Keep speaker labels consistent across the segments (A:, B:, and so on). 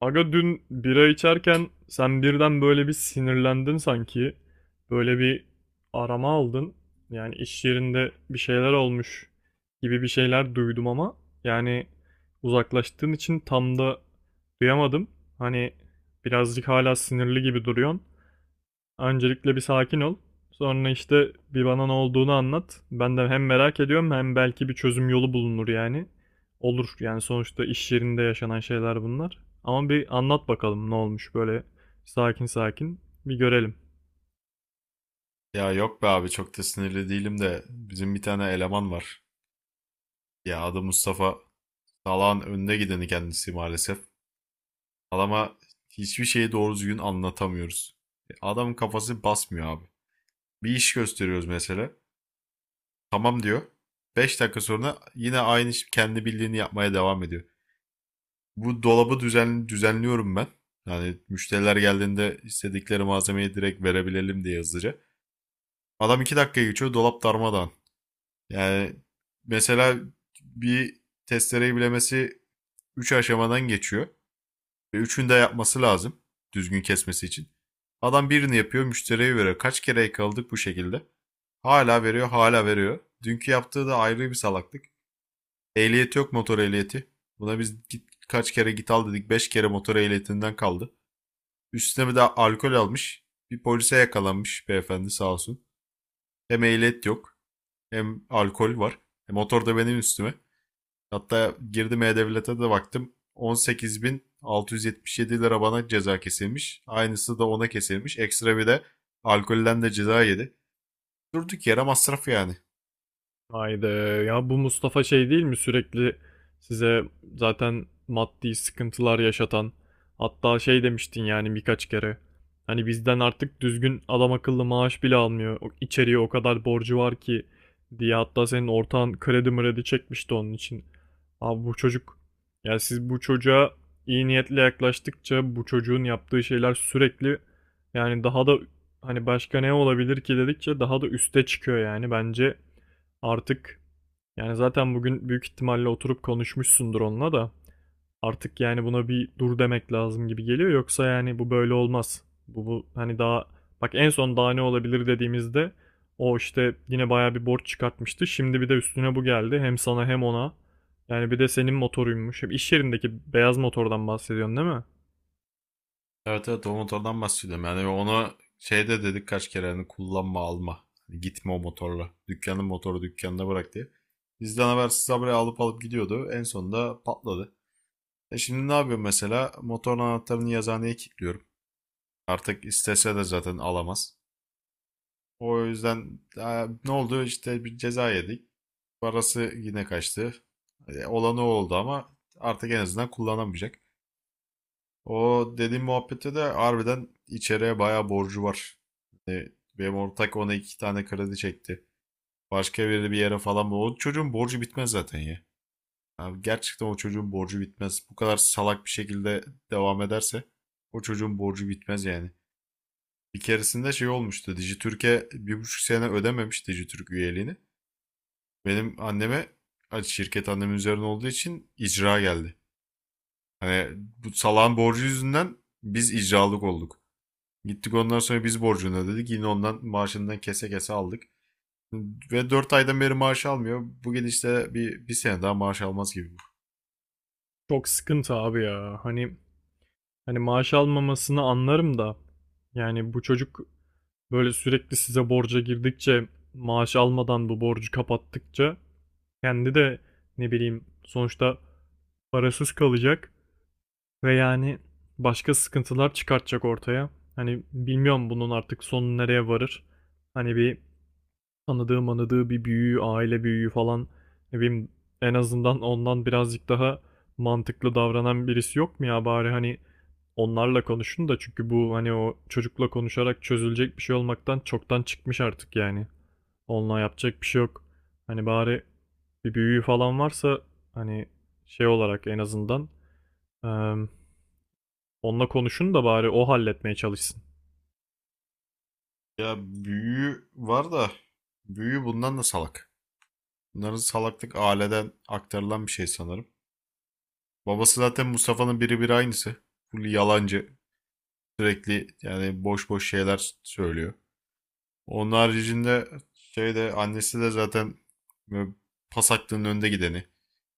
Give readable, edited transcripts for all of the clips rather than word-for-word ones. A: Aga, dün bira içerken sen birden böyle bir sinirlendin sanki. Böyle bir arama aldın. Yani iş yerinde bir şeyler olmuş gibi bir şeyler duydum, ama yani uzaklaştığın için tam da duyamadım. Hani birazcık hala sinirli gibi duruyorsun. Öncelikle bir sakin ol. Sonra işte bir bana ne olduğunu anlat. Ben de hem merak ediyorum, hem belki bir çözüm yolu bulunur yani. Olur yani, sonuçta iş yerinde yaşanan şeyler bunlar. Ama bir anlat bakalım, ne olmuş böyle, sakin sakin bir görelim.
B: Ya yok be abi çok da sinirli değilim de bizim bir tane eleman var. Ya adı Mustafa. Salağın önde gideni kendisi maalesef. Adama hiçbir şeyi doğru düzgün anlatamıyoruz. E, adamın kafası basmıyor abi. Bir iş gösteriyoruz mesela. Tamam diyor. 5 dakika sonra yine kendi bildiğini yapmaya devam ediyor. Bu dolabı düzenliyorum ben. Yani müşteriler geldiğinde istedikleri malzemeyi direkt verebilelim diye hızlıca. Adam 2 dakika geçiyor dolap darmadağın. Yani mesela bir testereyi bilemesi 3 aşamadan geçiyor. Ve üçünü de yapması lazım düzgün kesmesi için. Adam birini yapıyor, müşteriye veriyor. Kaç kere yakaladık bu şekilde. Hala veriyor, hala veriyor. Dünkü yaptığı da ayrı bir salaklık. Ehliyeti yok motor ehliyeti. Buna biz git, kaç kere git al dedik. 5 kere motor ehliyetinden kaldı. Üstüne bir de alkol almış. Bir polise yakalanmış beyefendi sağ olsun. Hem ehliyet yok, hem alkol var. E motor da benim üstüme. Hatta girdim E-Devlet'e de baktım. 18.677 lira bana ceza kesilmiş. Aynısı da ona kesilmiş. Ekstra bir de alkolden de ceza yedi. Durduk yere masraf yani.
A: Haydi ya, bu Mustafa şey değil mi, sürekli size zaten maddi sıkıntılar yaşatan? Hatta şey demiştin yani birkaç kere, hani bizden artık düzgün adam akıllı maaş bile almıyor, içeriye o kadar borcu var ki diye, hatta senin ortağın kredi mredi çekmişti onun için. Abi, bu çocuk, yani siz bu çocuğa iyi niyetle yaklaştıkça bu çocuğun yaptığı şeyler sürekli, yani daha da, hani başka ne olabilir ki dedikçe daha da üste çıkıyor yani. Bence artık, yani zaten bugün büyük ihtimalle oturup konuşmuşsundur onunla da, artık yani buna bir dur demek lazım gibi geliyor, yoksa yani bu böyle olmaz. Bu hani daha, bak, en son daha ne olabilir dediğimizde o işte yine bayağı bir borç çıkartmıştı. Şimdi bir de üstüne bu geldi, hem sana hem ona. Yani bir de senin motoruymuş. Hem iş yerindeki beyaz motordan bahsediyorsun, değil mi?
B: Evet evet o motordan bahsediyorum. Yani onu şeyde dedik kaç kere hani kullanma alma. Hani gitme o motorla. Dükkanın motoru dükkanına bırak diye. Bizden habersiz habire alıp alıp gidiyordu. En sonunda patladı. E şimdi ne yapıyorum mesela? Motorun anahtarını yazıhaneye kilitliyorum. Artık istese de zaten alamaz. O yüzden ne oldu? İşte bir ceza yedik. Parası yine kaçtı. E, olan o oldu ama artık en azından kullanamayacak. O dediğim muhabbette de harbiden içeriye bayağı borcu var. E, benim ortak ona iki tane kredi çekti. Başka biri bir yere falan. O çocuğun borcu bitmez zaten ya. Abi gerçekten o çocuğun borcu bitmez. Bu kadar salak bir şekilde devam ederse o çocuğun borcu bitmez yani. Bir keresinde şey olmuştu. Dijitürk'e 1,5 sene ödememiş Dijitürk üyeliğini. Benim anneme hani şirket annemin üzerine olduğu için icra geldi. Hani bu salağın borcu yüzünden biz icralık olduk. Gittik ondan sonra biz borcunu ödedik. Yine ondan maaşından kese kese aldık. Ve 4 aydan beri maaş almıyor. Bu gidişle bir sene daha maaş almaz gibi bu.
A: Çok sıkıntı abi ya. Hani maaş almamasını anlarım da, yani bu çocuk böyle sürekli size borca girdikçe, maaş almadan bu borcu kapattıkça, kendi de ne bileyim, sonuçta parasız kalacak ve yani başka sıkıntılar çıkartacak ortaya. Hani bilmiyorum bunun artık sonu nereye varır. Hani bir tanıdığı manıdığı, bir büyüğü, aile büyüğü falan, ne bileyim, en azından ondan birazcık daha mantıklı davranan birisi yok mu ya? Bari hani onlarla konuşun da, çünkü bu, hani o çocukla konuşarak çözülecek bir şey olmaktan çoktan çıkmış artık yani. Onunla yapacak bir şey yok. Hani bari bir büyüğü falan varsa, hani şey olarak, en azından, em, onunla konuşun da bari o halletmeye çalışsın.
B: Ya büyüğü var da büyüğü bundan da salak. Bunların salaklık aileden aktarılan bir şey sanırım. Babası zaten Mustafa'nın biri bir aynısı. Full yalancı. Sürekli yani boş boş şeyler söylüyor. Onun haricinde şey de annesi de zaten böyle pas hakkının önde gideni.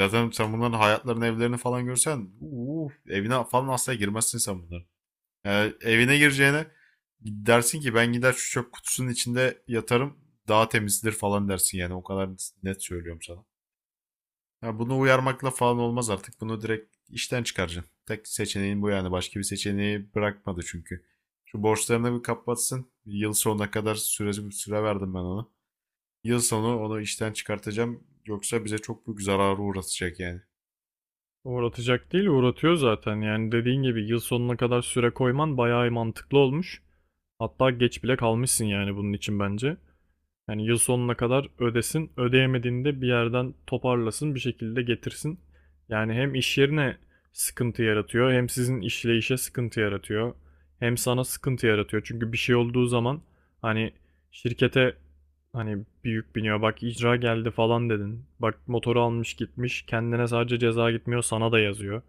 B: Zaten sen bunların hayatlarını, evlerini falan görsen uuu, evine falan asla girmezsin sen bunların. Yani evine gireceğine dersin ki ben gider şu çöp kutusunun içinde yatarım daha temizdir falan dersin yani o kadar net söylüyorum sana. Ya bunu uyarmakla falan olmaz artık. Bunu direkt işten çıkaracaksın. Tek seçeneğin bu yani. Başka bir seçeneği bırakmadı çünkü. Şu borçlarını bir kapatsın. Yıl sonuna kadar süre verdim ben ona. Yıl sonu onu işten çıkartacağım. Yoksa bize çok büyük zararı uğratacak yani.
A: Uğratacak değil, uğratıyor zaten. Yani dediğin gibi yıl sonuna kadar süre koyman bayağı mantıklı olmuş. Hatta geç bile kalmışsın yani bunun için, bence. Yani yıl sonuna kadar ödesin, ödeyemediğini de bir yerden toparlasın, bir şekilde getirsin. Yani hem iş yerine sıkıntı yaratıyor, hem sizin işleyişe sıkıntı yaratıyor, hem sana sıkıntı yaratıyor. Çünkü bir şey olduğu zaman, hani şirkete hani büyük biniyor, bak, icra geldi falan dedin. Bak, motoru almış gitmiş, kendine sadece ceza gitmiyor, sana da yazıyor.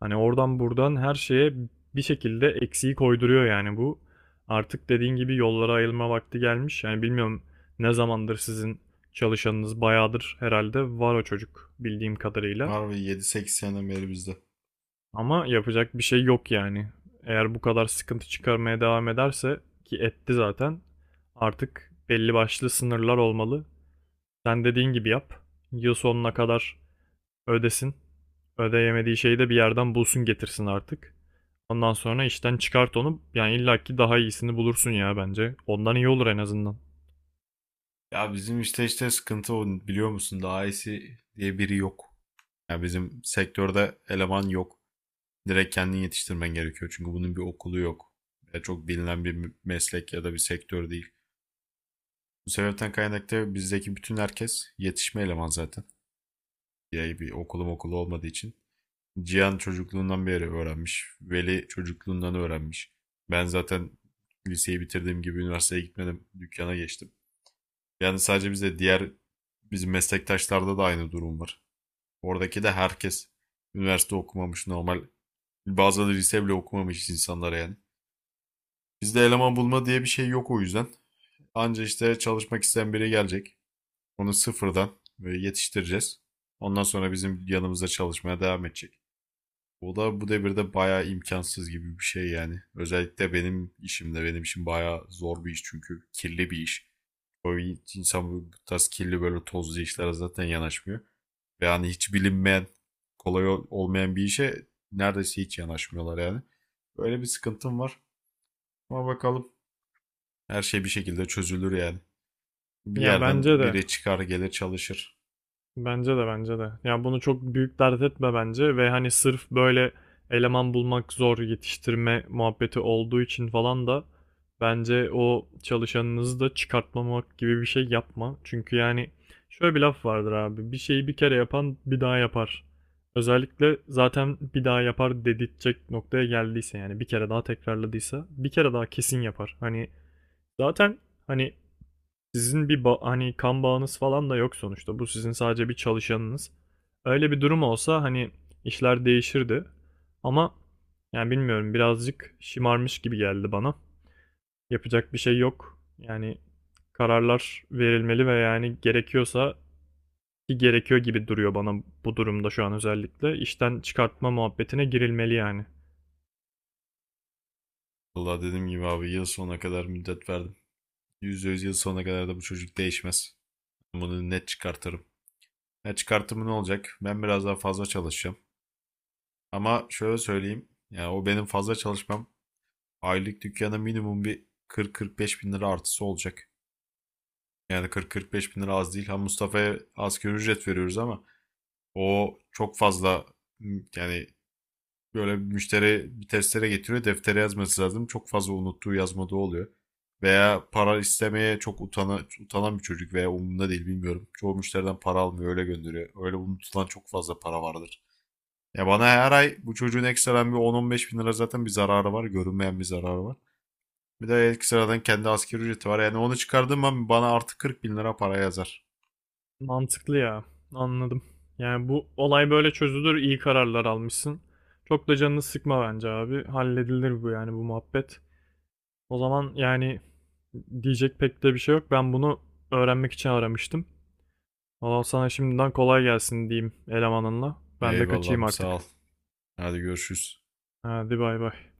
A: Hani oradan buradan her şeye bir şekilde eksiği koyduruyor yani bu. Artık dediğin gibi yollara ayrılma vakti gelmiş. Yani bilmiyorum, ne zamandır sizin çalışanınız bayağıdır herhalde, var o çocuk bildiğim kadarıyla.
B: Harbi 7-8 seneden beri bizde.
A: Ama yapacak bir şey yok yani. Eğer bu kadar sıkıntı çıkarmaya devam ederse, ki etti zaten, artık belli başlı sınırlar olmalı. Sen dediğin gibi yap. Yıl sonuna kadar ödesin. Ödeyemediği şeyi de bir yerden bulsun getirsin artık. Ondan sonra işten çıkart onu. Yani illaki daha iyisini bulursun ya, bence. Ondan iyi olur en azından.
B: Ya bizim işte sıkıntı o biliyor musun? Daha iyisi diye biri yok. Ya bizim sektörde eleman yok. Direkt kendin yetiştirmen gerekiyor. Çünkü bunun bir okulu yok. Ya çok bilinen bir meslek ya da bir sektör değil. Bu sebepten kaynaklı bizdeki bütün herkes yetişme eleman zaten. Yani bir okulum okulu olmadığı için. Cihan çocukluğundan beri öğrenmiş. Veli çocukluğundan öğrenmiş. Ben zaten liseyi bitirdiğim gibi üniversiteye gitmedim. Dükkana geçtim. Yani sadece bize diğer bizim meslektaşlarda da aynı durum var. Oradaki de herkes üniversite okumamış normal. Bazıları lise bile okumamış insanlara yani. Bizde eleman bulma diye bir şey yok o yüzden. Anca işte çalışmak isteyen biri gelecek. Onu sıfırdan böyle yetiştireceğiz. Ondan sonra bizim yanımızda çalışmaya devam edecek. O da bu devirde bayağı imkansız gibi bir şey yani. Özellikle benim işimde. Benim işim bayağı zor bir iş çünkü kirli bir iş. O insan bu tarz kirli böyle tozlu işlere zaten yanaşmıyor. Ve hani hiç bilinmeyen, kolay olmayan bir işe neredeyse hiç yanaşmıyorlar yani. Böyle bir sıkıntım var. Ama bakalım, her şey bir şekilde çözülür yani. Bir
A: Ya
B: yerden
A: bence de.
B: biri çıkar gelir çalışır.
A: Bence de, bence de. Yani bunu çok büyük dert etme bence, ve hani sırf böyle eleman bulmak zor, yetiştirme muhabbeti olduğu için falan da bence o çalışanınızı da çıkartmamak gibi bir şey yapma. Çünkü yani, şöyle bir laf vardır abi: bir şeyi bir kere yapan bir daha yapar. Özellikle zaten bir daha yapar dedirtecek noktaya geldiyse, yani bir kere daha tekrarladıysa, bir kere daha kesin yapar. Hani zaten, hani sizin bir hani kan bağınız falan da yok sonuçta. Bu sizin sadece bir çalışanınız. Öyle bir durum olsa hani işler değişirdi. Ama yani bilmiyorum, birazcık şımarmış gibi geldi bana. Yapacak bir şey yok. Yani kararlar verilmeli ve yani gerekiyorsa, ki gerekiyor gibi duruyor bana bu durumda şu an özellikle, işten çıkartma muhabbetine girilmeli yani.
B: Valla dediğim gibi abi yıl sonuna kadar müddet verdim. %100 yıl sonuna kadar da bu çocuk değişmez. Bunu net çıkartırım. Ya çıkartımı ne olacak? Ben biraz daha fazla çalışacağım. Ama şöyle söyleyeyim. Yani o benim fazla çalışmam aylık dükkana minimum bir 40-45 bin lira artısı olacak. Yani 40-45 bin lira az değil. Ha Mustafa'ya asgari ücret veriyoruz ama o çok fazla yani. Böyle bir müşteri bir testere getiriyor. Deftere yazması lazım. Çok fazla unuttuğu yazmadığı oluyor. Veya para istemeye çok utanan bir çocuk veya umurunda değil bilmiyorum. Çoğu müşteriden para almıyor öyle gönderiyor. Öyle unutulan çok fazla para vardır. Ya bana her ay bu çocuğun ekstradan bir 10-15 bin lira zaten bir zararı var. Görünmeyen bir zararı var. Bir de ekstradan kendi asgari ücreti var. Yani onu çıkardığım an bana artı 40 bin lira para yazar.
A: Mantıklı ya. Anladım. Yani bu olay böyle çözülür. İyi kararlar almışsın. Çok da canını sıkma bence abi. Halledilir bu, yani bu muhabbet. O zaman yani diyecek pek de bir şey yok. Ben bunu öğrenmek için aramıştım. Valla sana şimdiden kolay gelsin diyeyim elemanınla. Ben de kaçayım
B: Eyvallah sağ ol.
A: artık.
B: Hadi görüşürüz.
A: Hadi, bay bay.